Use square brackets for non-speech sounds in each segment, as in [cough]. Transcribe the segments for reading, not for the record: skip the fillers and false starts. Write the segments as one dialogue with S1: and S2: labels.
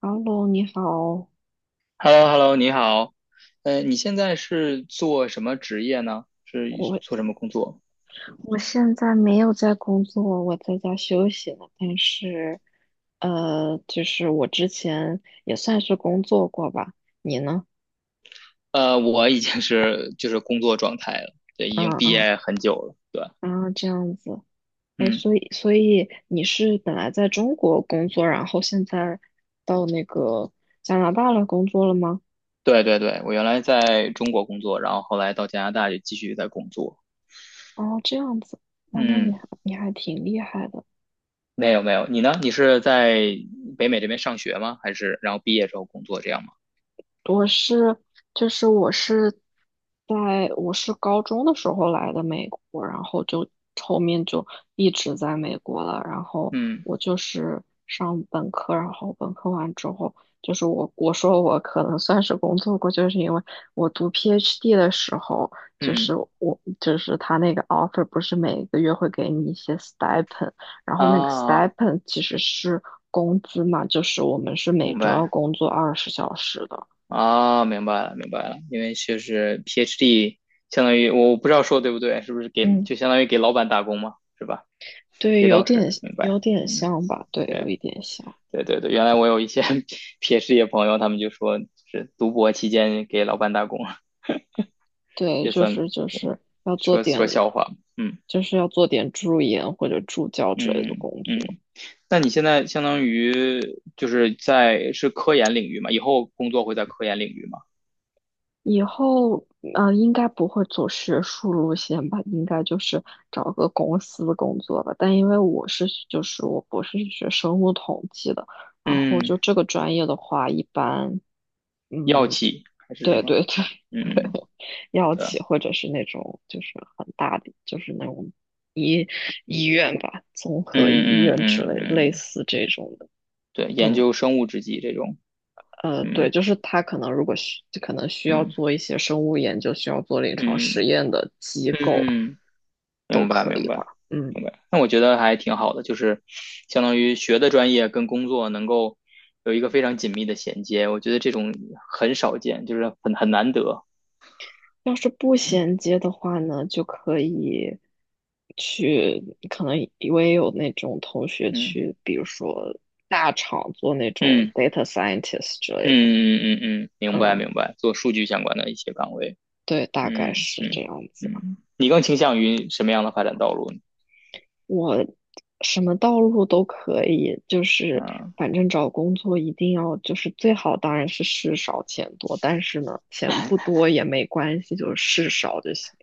S1: 哈喽，你好，
S2: h e l l o h e l l o 你好，你现在是做什么职业呢？是
S1: 我
S2: 做什么工作？
S1: 我现在没有在工作，我在家休息呢。但是，就是我之前也算是工作过吧。你呢？
S2: 我已经是就是工作状态了，对，已经
S1: 嗯
S2: 毕
S1: 嗯，
S2: 业很久了，对，
S1: 啊，这样子。哎，
S2: 嗯，
S1: 所以你是本来在中国工作，然后现在到那个加拿大来工作了吗？
S2: 对对对，我原来在中国工作，然后后来到加拿大就继续在工作，
S1: 哦，这样子。哇，那你
S2: 嗯，
S1: 还你还挺厉害的。
S2: 没有没有，你呢？你是在北美这边上学吗？还是然后毕业之后工作这样吗？
S1: 我是，就是我是在我是高中的时候来的美国，然后就后面就一直在美国了。然后
S2: 嗯
S1: 我就是上本科，然后本科完之后，就是我说我可能算是工作过，就是因为我读 PhD 的时候，就
S2: 嗯
S1: 是我就是他那个 offer 不是每个月会给你一些 stipend，然后那个
S2: 啊，
S1: stipend 其实是工资嘛，就是我们是每
S2: 明
S1: 周要
S2: 白。
S1: 工作20小时的。
S2: 啊，明白了，明白了，因为就是 PhD，相当于我不知道说对不对，是不是给
S1: 嗯，
S2: 就相当于给老板打工嘛，是吧？
S1: 对，
S2: 给
S1: 有
S2: 导师，
S1: 点
S2: 明
S1: 有
S2: 白，
S1: 点
S2: 嗯，
S1: 像吧，对，有
S2: 对，
S1: 一点像，
S2: 对对对，原来我有一些 [laughs] PhD 的朋友，他们就说是读博期间给老板打工，
S1: 对，
S2: 也
S1: 就
S2: 算，
S1: 是就
S2: 对，
S1: 是要做
S2: 说
S1: 点，
S2: 说笑话，嗯
S1: 就是要做点助研或者助教之类的
S2: 嗯
S1: 工
S2: 嗯，
S1: 作。
S2: 那你现在相当于就是是科研领域嘛，以后工作会在科研领域吗？
S1: 以后啊，应该不会走学术路线吧，应该就是找个公司工作吧。但因为我博士是学生物统计的，然后就
S2: 嗯，
S1: 这个专业的话，一般。
S2: 药
S1: 嗯，
S2: 企还是什
S1: 对
S2: 么？
S1: 对对对，
S2: 嗯。
S1: [laughs] 药
S2: 对。
S1: 企或者是那种就是很大的，就是那种医医院吧，综合医
S2: 嗯嗯
S1: 院之
S2: 嗯
S1: 类类
S2: 嗯，
S1: 似这种的。
S2: 对，研
S1: 嗯
S2: 究生物制剂这种，
S1: 呃，
S2: 嗯
S1: 对，就是他可能如果需就可能需要
S2: 嗯
S1: 做一些生物研究，需要做临床实
S2: 嗯
S1: 验的机构
S2: 嗯，
S1: 都
S2: 明白
S1: 可
S2: 明
S1: 以
S2: 白
S1: 吧。
S2: 明
S1: 嗯。
S2: 白。那我觉得还挺好的，就是相当于学的专业跟工作能够有一个非常紧密的衔接，我觉得这种很少见，就是很难得。
S1: 要是不
S2: 嗯
S1: 衔接的话呢，就可以可能我也有那种同学
S2: 嗯
S1: 去，比如说大厂做那种
S2: 嗯
S1: data scientist 之类的。
S2: 嗯嗯嗯嗯，明白
S1: 嗯，
S2: 明白，做数据相关的一些岗位。
S1: 对，大概
S2: 嗯
S1: 是这
S2: 嗯
S1: 样子。
S2: 嗯，你更倾向于什么样的发展道路呢？
S1: 我什么道路都可以，就是
S2: 啊，
S1: 反正找工作一定要就是最好当然是事少钱多，但是呢，钱不多也没关系，就是事少就行。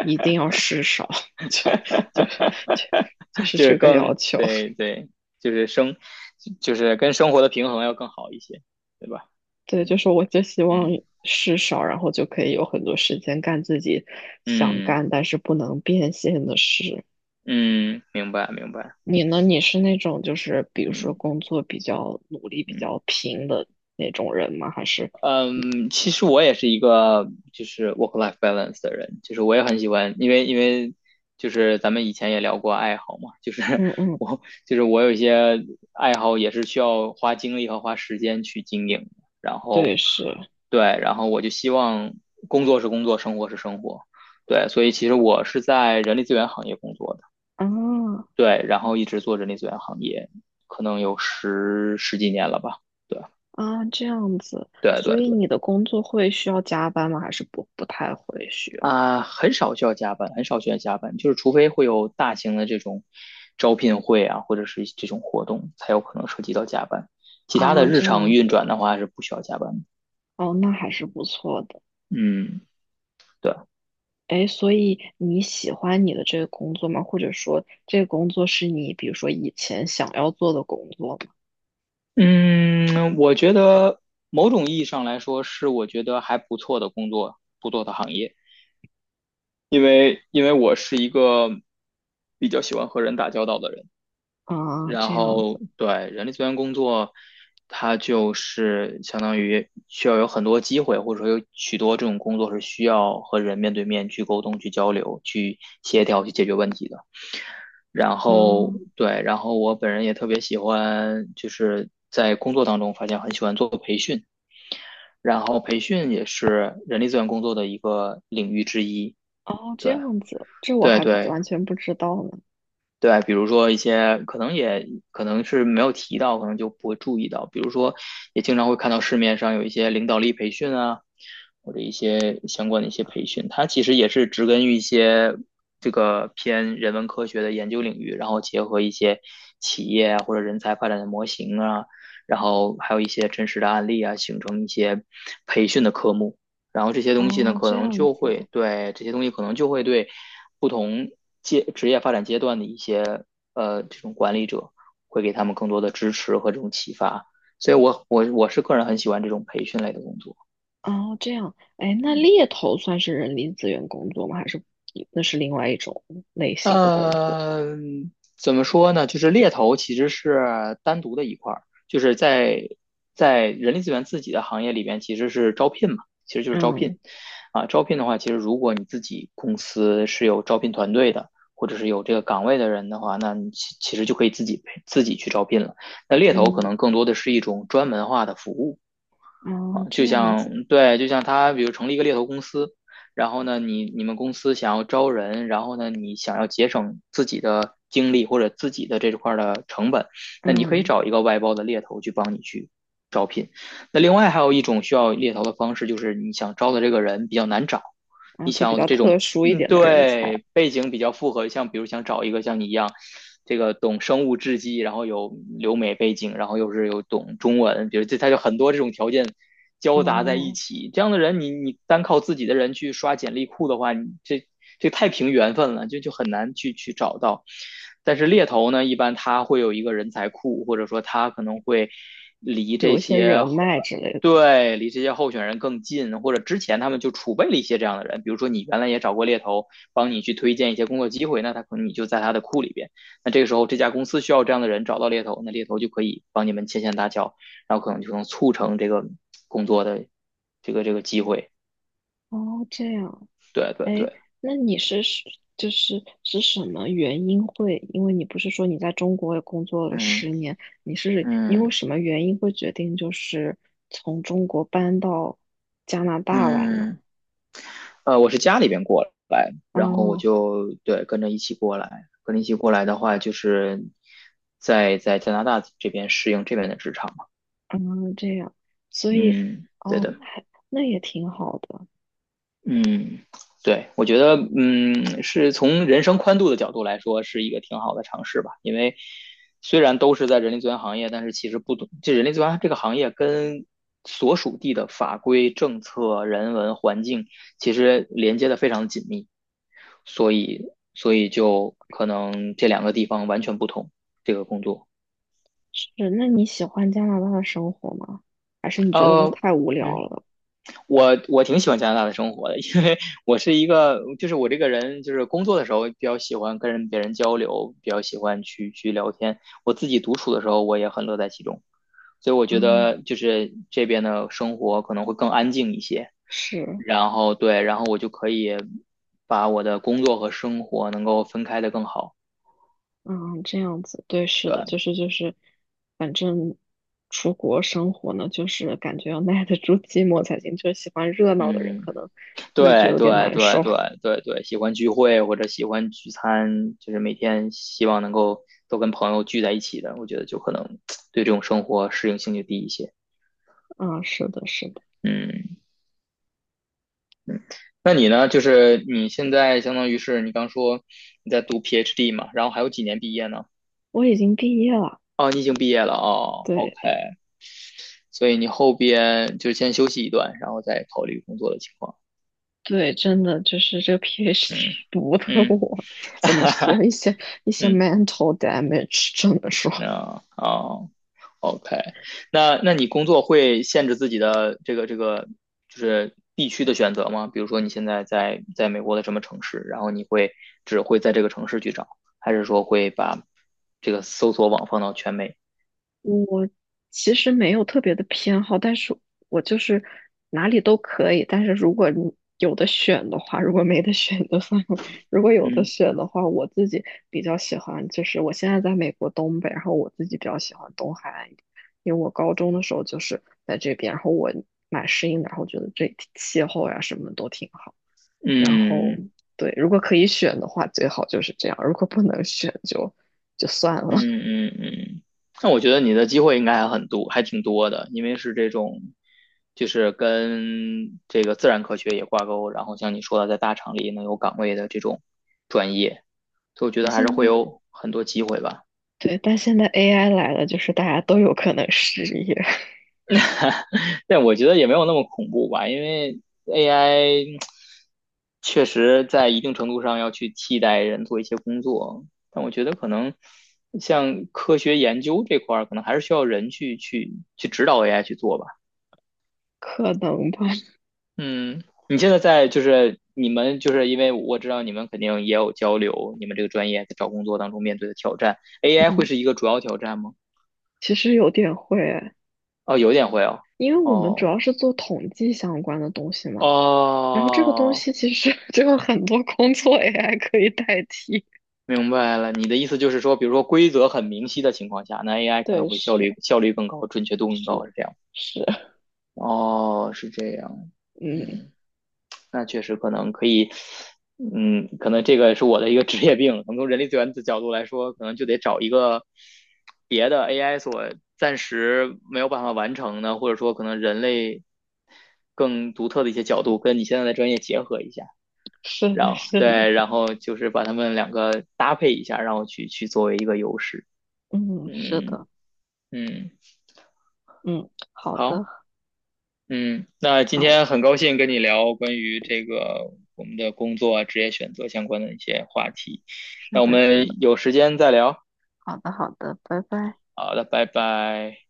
S1: 一定要事少，就就就就是
S2: 就是
S1: 这个要
S2: 更
S1: 求。
S2: 对对，就是跟生活的平衡要更好一些，对吧？
S1: 对，就
S2: 嗯
S1: 是我就希望
S2: 嗯
S1: 事少，然后就可以有很多时间干自己想
S2: 嗯
S1: 干但是不能变现的事。
S2: 嗯，明白明白，
S1: 你呢？你是那种就是比如说
S2: 嗯
S1: 工作比较努力、比
S2: 嗯。
S1: 较拼的那种人吗？还是
S2: 嗯，其实我也是一个就是 work life balance 的人，就是我也很喜欢，因为就是咱们以前也聊过爱好嘛，就是
S1: 嗯
S2: [laughs]
S1: 嗯，
S2: 我就是我有一些爱好也是需要花精力和花时间去经营的。然
S1: 对，
S2: 后
S1: 是
S2: 对，然后我就希望工作是工作，生活是生活，对，所以其实我是在人力资源行业工作的，
S1: 啊，
S2: 对，然后一直做人力资源行业，可能有十几年了吧，对
S1: 啊这样子。
S2: 对对
S1: 所以你
S2: 对。
S1: 的工作会需要加班吗？还是不太会需要？
S2: 啊，很少需要加班，很少需要加班，就是除非会有大型的这种招聘会啊，或者是这种活动，才有可能涉及到加班。其他
S1: 啊，
S2: 的日
S1: 这
S2: 常
S1: 样
S2: 运转
S1: 子
S2: 的话是不需要加班的。
S1: 哦，那还是不错的。
S2: 嗯，对，
S1: 哎，所以你喜欢你的这个工作吗？或者说，这个工作是你比如说以前想要做的工作吗？
S2: 嗯，我觉得某种意义上来说是我觉得还不错的工作，不错的行业，因为我是一个比较喜欢和人打交道的人。
S1: 啊，
S2: 然
S1: 这样
S2: 后
S1: 子，
S2: 对人力资源工作，它就是相当于需要有很多机会，或者说有许多这种工作是需要和人面对面去沟通、去交流、去协调、去解决问题的。然
S1: 啊，
S2: 后对，然后我本人也特别喜欢，就是在工作当中发现很喜欢做培训，然后培训也是人力资源工作的一个领域之一。
S1: 哦，这
S2: 对
S1: 样子，这我
S2: 对
S1: 还不
S2: 对，
S1: 完全不知道呢。
S2: 对，比如说一些可能也可能是没有提到，可能就不会注意到。比如说，也经常会看到市面上有一些领导力培训啊，或者一些相关的一些培训，它其实也是植根于一些这个偏人文科学的研究领域，然后结合一些企业啊或者人才发展的模型啊，然后还有一些真实的案例啊，形成一些培训的科目。然后这些东西呢，
S1: 哦，
S2: 可
S1: 这
S2: 能
S1: 样
S2: 就
S1: 子，
S2: 会对这些东西可能就会对不同职业发展阶段的一些这种管理者会给他们更多的支持和这种启发。所以我是个人很喜欢这种培训类的工作，
S1: 哦，这样，哎，那
S2: 嗯。
S1: 猎头算是人力资源工作吗？还是那是另外一种类型的工作？
S2: 呃，怎么说呢？就是猎头其实是单独的一块儿，就是在人力资源自己的行业里边，其实是招聘嘛，其实就是招聘
S1: 嗯
S2: 啊。招聘的话，其实如果你自己公司是有招聘团队的，或者是有这个岗位的人的话，那你其实就可以自己去招聘了。那猎头可
S1: 嗯，
S2: 能更多的是一种专门化的服务。
S1: 啊，
S2: 啊，
S1: 这
S2: 就
S1: 样子，
S2: 像对，就像他，比如成立一个猎头公司，然后呢，你们公司想要招人，然后呢，你想要节省自己的精力或者自己的这块儿的成本，那你可以
S1: 嗯
S2: 找一个外包的猎头去帮你去招聘。那另外还有一种需要猎头的方式，就是你想招的这个人比较难找，
S1: 啊，
S2: 你
S1: 就
S2: 想
S1: 比
S2: 要的
S1: 较
S2: 这种
S1: 特殊一
S2: 嗯，
S1: 点的人才，
S2: 对，背景比较复合，像比如想找一个像你一样，这个懂生物制剂，然后有留美背景，然后又是有懂中文，比如这他就很多这种条件交杂在一
S1: 哦，
S2: 起，这样的人你单靠自己的人去刷简历库的话，你这太凭缘分了，就很难去找到。但是猎头呢，一般他会有一个人才库，或者说他可能会离这
S1: 有一些
S2: 些
S1: 人脉之类的。
S2: 对，离这些候选人更近，或者之前他们就储备了一些这样的人，比如说你原来也找过猎头，帮你去推荐一些工作机会，那他可能你就在他的库里边。那这个时候这家公司需要这样的人，找到猎头，那猎头就可以帮你们牵线搭桥，然后可能就能促成这个工作的这个机会。
S1: 哦，这样，
S2: 对对对，
S1: 哎，那你是是就是是什么原因会？因为你不是说你在中国也工作了
S2: 嗯
S1: 10年，你是因为
S2: 嗯
S1: 什么原因会决定就是从中国搬到加拿大来呢？
S2: 嗯，我是家里边过来，然后我
S1: 哦，
S2: 就，对，跟着一起过来，跟着一起过来的话，就是在加拿大这边适应这边的职场。
S1: 嗯，这样，所以
S2: 嗯，对
S1: 哦，
S2: 的，
S1: 那也挺好的。
S2: 嗯，对，我觉得，嗯，是从人生宽度的角度来说，是一个挺好的尝试吧。因为虽然都是在人力资源行业，但是其实不懂，这人力资源这个行业跟所属地的法规、政策、人文环境其实连接的非常紧密，所以，所以就可能这两个地方完全不同，这个工作。
S1: 是，那你喜欢加拿大的生活吗？还是你觉得就
S2: 呃，
S1: 太无聊
S2: 嗯。
S1: 了？
S2: 我挺喜欢加拿大的生活的，[laughs] 因为我是一个，就是我这个人，就是工作的时候比较喜欢跟别人交流，比较喜欢去聊天。我自己独处的时候，我也很乐在其中，所以我觉
S1: 嗯，
S2: 得就是这边的生活可能会更安静一些。
S1: 是。
S2: 然后对，然后我就可以把我的工作和生活能够分开的更好。
S1: 嗯，这样子，对，是的，
S2: 对，
S1: 反正出国生活呢，就是感觉要耐得住寂寞才行。就是喜欢热闹的人，
S2: 嗯。
S1: 可能就会觉得
S2: 对
S1: 有点
S2: 对
S1: 难
S2: 对
S1: 受。
S2: 对对对，喜欢聚会或者喜欢聚餐，就是每天希望能够都跟朋友聚在一起的，我觉得就可能 [tsk] 对这种生活适应性就低一些。
S1: [laughs] 啊、是的，是的，
S2: 嗯，那你呢？就是你现在相当于是你刚说你在读 PhD 嘛，然后还有几年毕业呢？
S1: 我已经毕业了。
S2: 哦，你已经毕业了哦，OK，
S1: 对
S2: 所以你后边就是先休息一段，然后再考虑工作的情况。
S1: 对，真的就是这个 [laughs] PhD
S2: 嗯
S1: 读的
S2: 嗯
S1: 我，怎么说一些
S2: 嗯，
S1: mental damage，真么说。
S2: 那哦。OK，那你工作会限制自己的这个就是地区的选择吗？比如说你现在在美国的什么城市，然后你会只会在这个城市去找，还是说会把这个搜索网放到全美？
S1: 我其实没有特别的偏好，但是我就是哪里都可以。但是如果你有的选的话，如果没得选就算了。如果有的
S2: 嗯
S1: 选的话，我自己比较喜欢，就是我现在在美国东北，然后我自己比较喜欢东海岸一点，因为我高中的时候就是在这边，然后我蛮适应的，然后觉得这里气候呀什么都挺好。然后
S2: 嗯，
S1: 对，如果可以选的话，最好就是这样；如果不能选就算了。[laughs]
S2: 嗯嗯嗯，那我觉得你的机会应该还很多，还挺多的，因为是这种，就是跟这个自然科学也挂钩，然后像你说的，在大厂里能有岗位的这种专业，所以我觉
S1: 那
S2: 得还是
S1: 现在。
S2: 会有很多机会吧。
S1: 对，但现在 AI 来了，就是大家都有可能失业，[laughs]
S2: 但我觉得也没有那么恐怖吧，因为 AI 确实在一定程度上要去替代人做一些工作，但我觉得可能像科学研究这块儿，可能还是需要人去指导 AI 去做吧。
S1: 可能吧？
S2: 嗯，你现在在就是你们就是因为我知道你们肯定也有交流，你们这个专业在找工作当中面对的挑战，AI 会
S1: 嗯，
S2: 是一个主要挑战吗？
S1: 其实有点会，
S2: 哦，有点会哦，
S1: 因为我们主
S2: 哦
S1: 要是做统计相关的东西嘛，然后这个东
S2: 哦，
S1: 西其实 [laughs] 就有很多工作 AI 可以代替。
S2: 明白了，你的意思就是说，比如说规则很明晰的情况下，那 AI 可
S1: 对，
S2: 能会效
S1: 是
S2: 率效率更高，准确度更高，
S1: 是
S2: 是这样？
S1: 是，
S2: 哦，是这样，
S1: 嗯，
S2: 嗯。那确实可能可以，嗯，可能这个是我的一个 [laughs] 职业病。可能从人力资源的角度来说，可能就得找一个别的 AI 所暂时没有办法完成的，或者说可能人类更独特的一些角度，跟你现在的专业结合一下，
S1: 是
S2: 然
S1: 的，
S2: 后
S1: 是的，
S2: 对，然后就是把它们两个搭配一下，然后去作为一个优势。
S1: 嗯，是
S2: 嗯
S1: 的，
S2: 嗯，
S1: 嗯，好
S2: 好。
S1: 的，
S2: 嗯，那今
S1: 那我
S2: 天很高兴跟你聊关于这个我们的工作啊、职业选择相关的一些话题。
S1: 是
S2: 那我
S1: 的，是的，
S2: 们有时间再聊。
S1: 好的，好的，拜拜。
S2: 好的，拜拜。